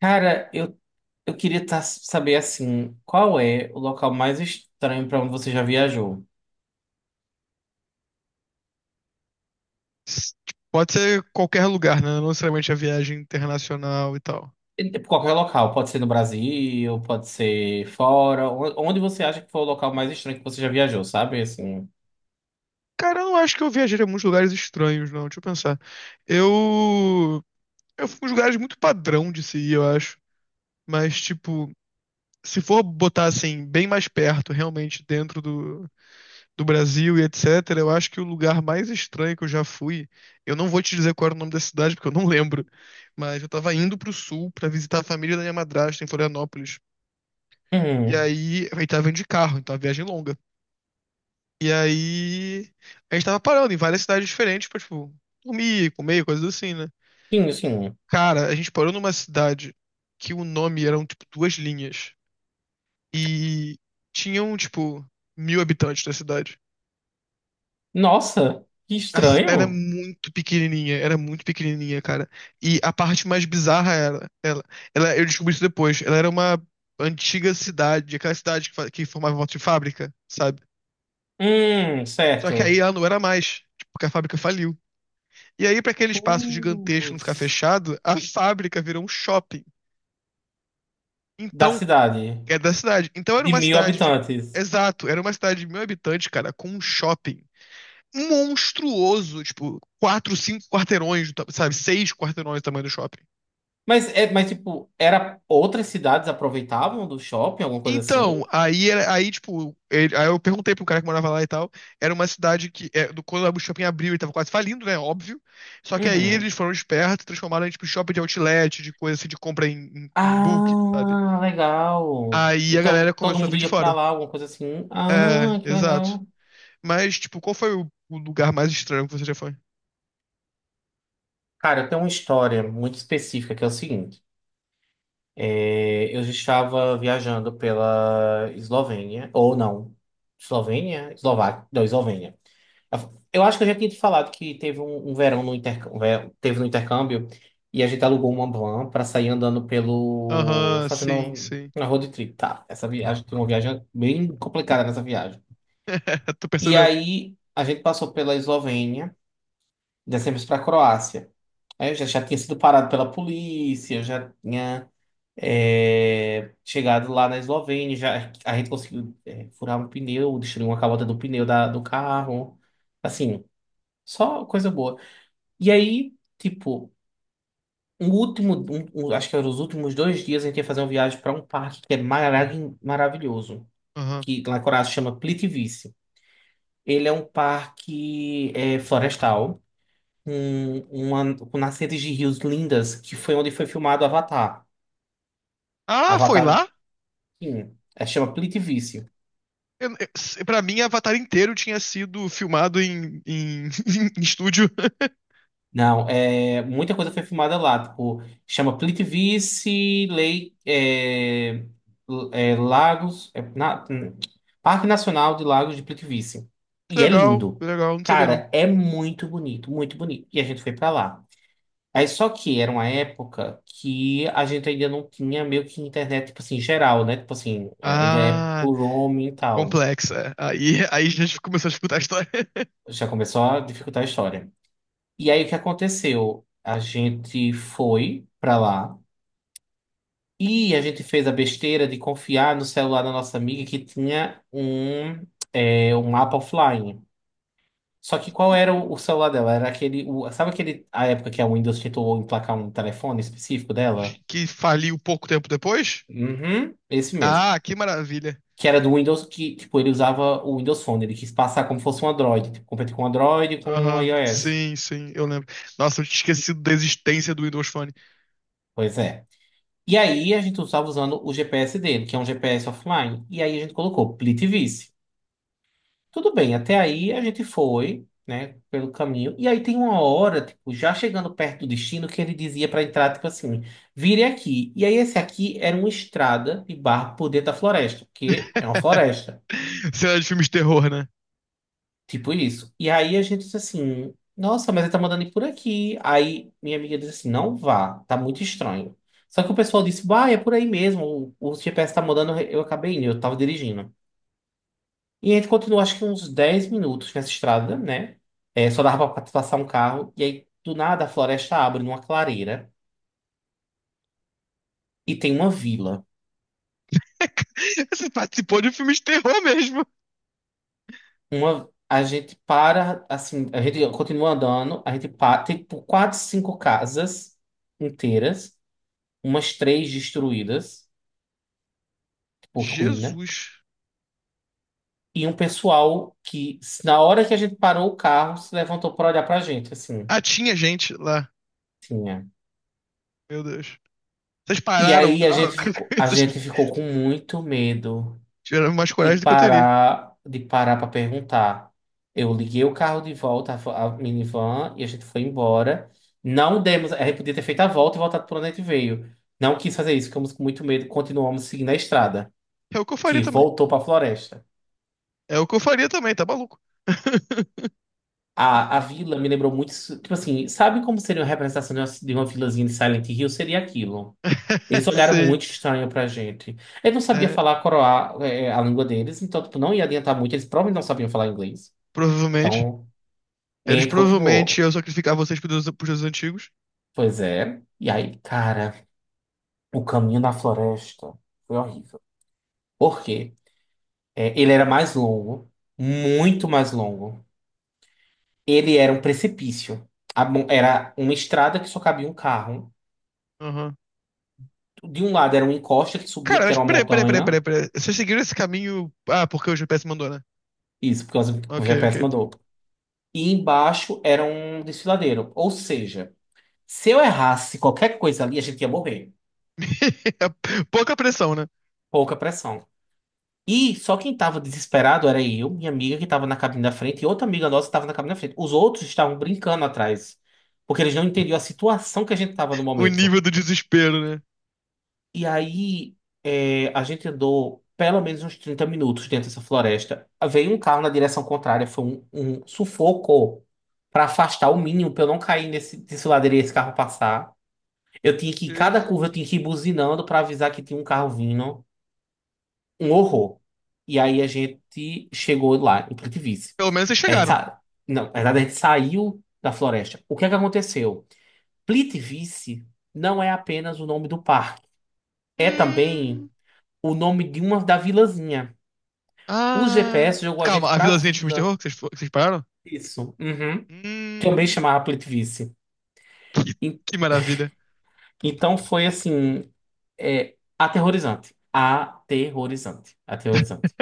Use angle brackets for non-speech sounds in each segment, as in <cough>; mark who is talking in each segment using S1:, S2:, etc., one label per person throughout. S1: Cara, eu queria saber assim, qual é o local mais estranho para onde você já viajou?
S2: S- Pode ser qualquer lugar, né? Não necessariamente a viagem internacional e tal.
S1: Qualquer local, pode ser no Brasil, pode ser fora, onde você acha que foi o local mais estranho que você já viajou, sabe? Assim.
S2: Cara, eu não acho que eu viajaria a muitos lugares estranhos, não. Deixa eu pensar. Eu. Eu fui em uns lugares muito padrão de se ir, eu acho. Mas, tipo, se for botar assim, bem mais perto, realmente, dentro do Brasil e etc., eu acho que o lugar mais estranho que eu já fui. Eu não vou te dizer qual era o nome da cidade, porque eu não lembro. Mas eu tava indo pro sul pra visitar a família da minha madrasta em Florianópolis. E
S1: Uhum.
S2: aí, eu tava indo de carro, então a viagem é longa. E aí a gente tava parando em várias cidades diferentes pra, tipo, dormir, comer, coisas assim, né?
S1: Sim, sim.
S2: Cara, a gente parou numa cidade que o nome eram, tipo, duas linhas. E tinham, tipo, mil habitantes da cidade.
S1: Nossa, que
S2: A
S1: estranho.
S2: era muito pequenininha, cara. E a parte mais bizarra era, ela, eu descobri isso depois, ela era uma antiga cidade, aquela cidade que formava volta de fábrica, sabe? Só que aí
S1: Certo.
S2: ela não era mais, tipo, porque a fábrica faliu. E aí, para aquele espaço gigantesco não ficar
S1: Putz.
S2: fechado, a fábrica virou um shopping.
S1: Da
S2: Então,
S1: cidade,
S2: é da cidade. Então era
S1: de
S2: uma
S1: mil
S2: cidade de.
S1: habitantes.
S2: Exato, era uma cidade de mil habitantes, cara, com um shopping monstruoso, tipo, quatro, cinco quarteirões, sabe? Seis quarteirões do tamanho do shopping.
S1: Mas é, mas tipo, era outras cidades aproveitavam do shopping, alguma coisa
S2: Então,
S1: assim?
S2: aí, aí tipo, aí eu perguntei pro cara que morava lá e tal. Era uma cidade que, é, quando o shopping abriu, ele tava quase falindo, né? Óbvio. Só que aí
S1: Uhum.
S2: eles foram espertos, transformaram em, tipo, shopping de outlet, de coisa assim, de compra em bulk, sabe?
S1: Ah, legal.
S2: Aí a galera
S1: Então todo
S2: começou a
S1: mundo
S2: vir de
S1: ia pra
S2: fora.
S1: lá, alguma coisa assim.
S2: É,
S1: Ah, que
S2: exato.
S1: legal.
S2: Mas, tipo, qual foi o lugar mais estranho que você já foi?
S1: Cara, eu tenho uma história muito específica que é o seguinte. Eu já estava viajando pela Eslovênia, ou não, Eslovênia? Eslováquia, não, Eslovênia. Eu acho que eu já tinha te falado que teve um verão no intercâmbio, teve no intercâmbio e a gente alugou uma van para sair andando pelo,
S2: Aham,
S1: fazendo
S2: sim, sim.
S1: uma road trip, tá? Essa viagem, tem uma viagem bem complicada nessa viagem.
S2: <laughs> Tô
S1: E
S2: percebendo.
S1: aí a gente passou pela Eslovênia, descemos para a Croácia. Aí eu já tinha sido parado pela polícia, eu já tinha chegado lá na Eslovênia, já, a gente conseguiu furar um pneu, destruir uma calota do pneu do carro. Assim, só coisa boa. E aí, tipo, um último, acho que eram os últimos dois dias, a gente ia fazer uma viagem para um parque que é maravilhoso,
S2: Aham.
S1: que lá na Croácia chama Plitvice. Ele é um parque florestal. Com, uma, com nascentes de rios lindas, que foi onde foi filmado Avatar.
S2: Ah, foi
S1: Avatar,
S2: lá?
S1: sim, é, chama Plitvice.
S2: Pra mim, Avatar inteiro tinha sido filmado <laughs> em estúdio. <laughs>
S1: Não, é, muita coisa foi filmada lá, tipo, chama Plitvice, Lei, Lagos, Parque Nacional de Lagos de Plitvice. E é
S2: Que
S1: lindo.
S2: legal, não sabia não.
S1: Cara, é muito bonito, muito bonito. E a gente foi pra lá. Aí só que era uma época que a gente ainda não tinha meio que internet, tipo assim, geral, né? Tipo assim, ainda é
S2: Ah,
S1: por roaming e tal.
S2: complexa. Aí a gente começou a escutar a história <laughs>
S1: Já começou a dificultar a história. E aí o que aconteceu? A gente foi pra lá e a gente fez a besteira de confiar no celular da nossa amiga que tinha um mapa offline. Só que qual era o celular dela? Era aquele. Sabe aquele, a época que a Windows tentou emplacar um telefone específico dela?
S2: que faliu pouco tempo depois.
S1: Uhum, esse mesmo.
S2: Ah, que maravilha.
S1: Que era do Windows, que, tipo, ele usava o Windows Phone, ele quis passar como fosse um Android, tipo, competir com o Android e com o
S2: Aham,
S1: iOS.
S2: sim, sim, eu lembro. Nossa, eu tinha esquecido da existência do Windows Phone.
S1: Pois é. E aí a gente estava usando o GPS dele, que é um GPS offline, e aí a gente colocou Plitvice. Tudo bem, até aí a gente foi, né, pelo caminho, e aí tem uma hora, tipo, já chegando perto do destino, que ele dizia para entrar, tipo assim, vire aqui. E aí esse aqui era uma estrada de barro por dentro da floresta, porque é uma
S2: <laughs>
S1: floresta.
S2: Cena de filme de terror, né?
S1: Tipo isso. E aí a gente disse assim, nossa, mas ele tá mandando ir por aqui. Aí minha amiga disse assim, não vá, tá muito estranho. Só que o pessoal disse, bah, é por aí mesmo, o GPS tá mandando, eu acabei indo, eu tava dirigindo. E a gente continuou acho que uns 10 minutos nessa estrada, né? É, só dava pra passar um carro. E aí, do nada, a floresta abre numa clareira e tem uma vila.
S2: <laughs> Você participou de um filme de terror mesmo.
S1: Uma, a gente para, assim, a gente continua andando, a gente para, tem tipo, quatro, cinco casas inteiras. Umas três destruídas, por ruína,
S2: Jesus.
S1: e um pessoal que, na hora que a gente parou o carro, se levantou para olhar pra gente, assim,
S2: Ah, tinha gente lá.
S1: tinha.
S2: Meu Deus. Vocês
S1: E
S2: pararam o
S1: aí
S2: carro. <laughs>
S1: a
S2: Vocês
S1: gente ficou com muito medo
S2: tiveram mais coragem do que eu teria.
S1: de parar para perguntar. Eu liguei o carro de volta, a a minivan, e a gente foi embora. Não demos, a gente podia ter feito a volta e voltado para onde a gente veio. Não quis fazer isso, ficamos com muito medo, continuamos seguindo a estrada,
S2: É o que eu
S1: que
S2: faria também.
S1: voltou para a floresta.
S2: É o que eu faria também, tá maluco? <laughs>
S1: A vila me lembrou muito. Tipo assim, sabe como seria uma representação de uma vilazinha de Silent Hill? Seria aquilo. Eles
S2: <laughs>
S1: olharam
S2: sim.
S1: muito estranho pra gente. Eu não sabia
S2: É,
S1: falar coroar a língua deles, então tipo, não ia adiantar muito. Eles provavelmente não sabiam falar inglês.
S2: provavelmente.
S1: Então,
S2: Eles
S1: ele
S2: provavelmente
S1: continuou.
S2: iam sacrificar vocês pros deuses, deuses antigos.
S1: Pois é. E aí, cara, o caminho na floresta foi horrível. Por quê? É, ele era mais longo, muito mais longo. Ele era um precipício. Era uma estrada que só cabia um carro.
S2: Aham.
S1: De um lado era uma encosta que subia,
S2: Cara,
S1: porque
S2: mas
S1: era uma
S2: peraí, peraí, peraí, peraí,
S1: montanha.
S2: peraí. Vocês seguiram esse caminho. Ah, porque o GPS mandou, né?
S1: Isso, porque o
S2: Ok,
S1: GPS
S2: ok.
S1: mandou. E embaixo era um desfiladeiro. Ou seja, se eu errasse qualquer coisa ali, a gente ia morrer.
S2: <laughs> Pouca pressão, né?
S1: Pouca pressão. E só quem estava desesperado era eu, minha amiga que estava na cabine da frente e outra amiga nossa que estava na cabine da frente. Os outros estavam brincando atrás, porque eles não entendiam a situação que a gente estava no
S2: O
S1: momento.
S2: nível do desespero, né?
S1: E aí, a gente andou pelo menos uns 30 minutos dentro dessa floresta. Veio um carro na direção contrária, foi um sufoco para afastar o mínimo, para eu não cair nesse ladeira e esse carro passar. Eu tinha que, ir, cada
S2: Jesus.
S1: curva eu tinha que ir buzinando para avisar que tinha um carro vindo. Um horror. E aí a gente chegou lá, em Plitvice.
S2: Pelo menos vocês
S1: A gente
S2: chegaram.
S1: sa... Não, na verdade a gente saiu da floresta. O que é que aconteceu? Plitvice não é apenas o nome do parque. É também
S2: Hum.
S1: o nome de uma da vilazinha. O
S2: Ah.
S1: GPS jogou a
S2: Calma,
S1: gente
S2: a
S1: pra
S2: vilazinha de filme de
S1: vila.
S2: terror que vocês pararam?
S1: Isso. Uhum. Também
S2: Hum,
S1: chamava Plitvice.
S2: que,
S1: E-
S2: que maravilha.
S1: Então foi assim, aterrorizante. Aterrorizante. Aterrorizante.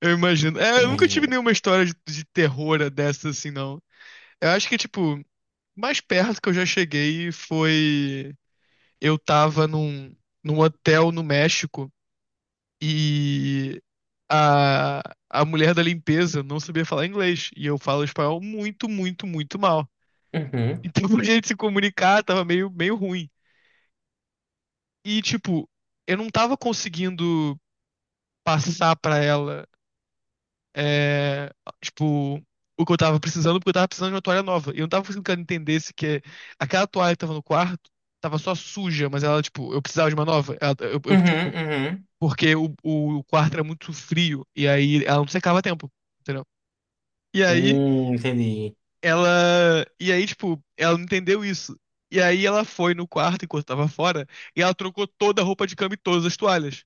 S2: Eu imagino. É, eu nunca tive
S1: É,
S2: nenhuma história de terror dessa assim, não. Eu acho que, tipo, mais perto que eu já cheguei foi. Eu tava num hotel no México e a, a mulher da limpeza não sabia falar inglês. E eu falo espanhol muito, muito, muito mal. <laughs>
S1: uhum,
S2: Então, pra gente se comunicar, tava meio, meio ruim. E, tipo, eu não tava conseguindo passar pra ela. É, tipo, o que eu tava precisando, porque eu tava precisando de uma toalha nova. E eu não tava conseguindo que ela entendesse que aquela toalha que tava no quarto tava só suja, mas ela, tipo, eu precisava de uma nova.
S1: uhum,
S2: Tipo,
S1: uhum.
S2: porque o quarto era muito frio, e aí ela não secava a tempo, entendeu? E aí
S1: Entendi.
S2: ela. E aí, tipo, ela não entendeu isso. E aí ela foi no quarto enquanto tava fora, e ela trocou toda a roupa de cama e todas as toalhas.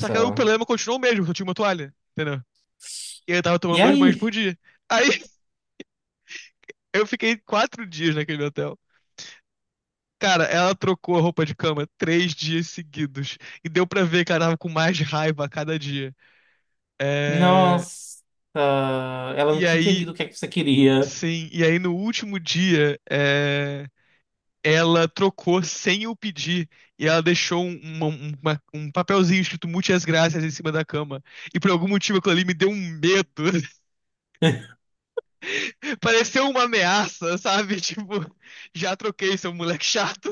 S2: Só que aí o problema continuou o mesmo, só tinha uma toalha, entendeu? E eu tava
S1: E
S2: tomando dois banhos por
S1: aí?
S2: dia. Aí eu fiquei 4 dias naquele hotel. Cara, ela trocou a roupa de cama 3 dias seguidos. E deu pra ver que ela tava com mais raiva a cada dia. É,
S1: Nossa. Ela não
S2: e
S1: tinha
S2: aí,
S1: entendido o que é que você queria.
S2: sim, e aí no último dia, é, ela trocou sem eu pedir. E ela deixou um papelzinho escrito Muitas Graças em cima da cama. E por algum motivo aquilo ali me deu um medo. <laughs>
S1: <laughs>
S2: Pareceu uma ameaça, sabe? <laughs> Tipo, já troquei, seu moleque chato.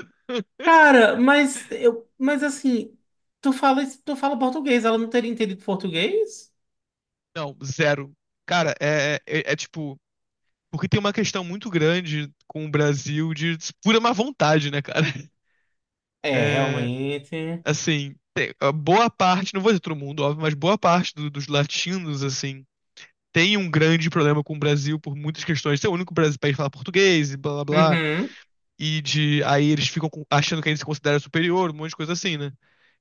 S1: Cara, mas eu, mas assim, tu fala português, ela não teria entendido português?
S2: Não, zero. Cara, tipo. Porque tem uma questão muito grande com o Brasil de pura má vontade, né, cara? <laughs>
S1: É,
S2: É,
S1: realmente.
S2: assim, a boa parte, não vou dizer todo mundo, óbvio, mas boa parte dos latinos, assim, tem um grande problema com o Brasil por muitas questões. Ser o único país que fala português e blá blá blá.
S1: Uhum.
S2: E de aí eles ficam achando que a gente se considera superior, um monte de coisa assim, né?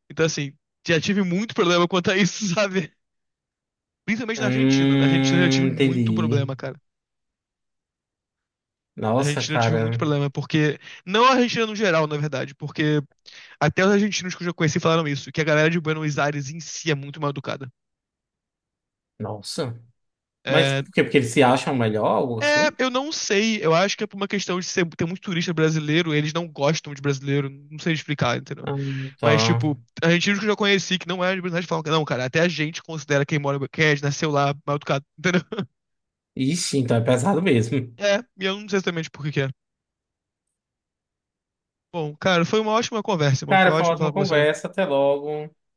S2: Então, assim, já tive muito problema quanto a isso, <laughs> sabe? Principalmente na Argentina. Na Argentina eu já tive muito
S1: Entendi.
S2: problema, cara. Na
S1: Nossa,
S2: Argentina eu tive muito
S1: cara.
S2: problema, porque. Não a Argentina no geral, na verdade, porque até os argentinos que eu já conheci falaram isso, que a galera de Buenos Aires em si é muito mal educada.
S1: Nossa. Mas
S2: É,
S1: por quê? Porque eles se acham melhor, algo
S2: é,
S1: assim?
S2: eu não sei, eu acho que é por uma questão de ser, ter muito turista brasileiro, eles não gostam de brasileiro, não sei explicar, entendeu?
S1: Ah,
S2: Mas, tipo,
S1: tá.
S2: argentinos que eu já conheci que não é de Buenos Aires falam que não, cara, até a gente considera quem mora, quem é, nasceu lá, mal educado, <laughs> entendeu?
S1: Ixi, então é pesado mesmo.
S2: É, e eu não sei exatamente por que que é. Bom, cara, foi uma ótima conversa, irmão, foi
S1: Cara, foi uma
S2: ótimo falar
S1: ótima
S2: com você.
S1: conversa. Até logo.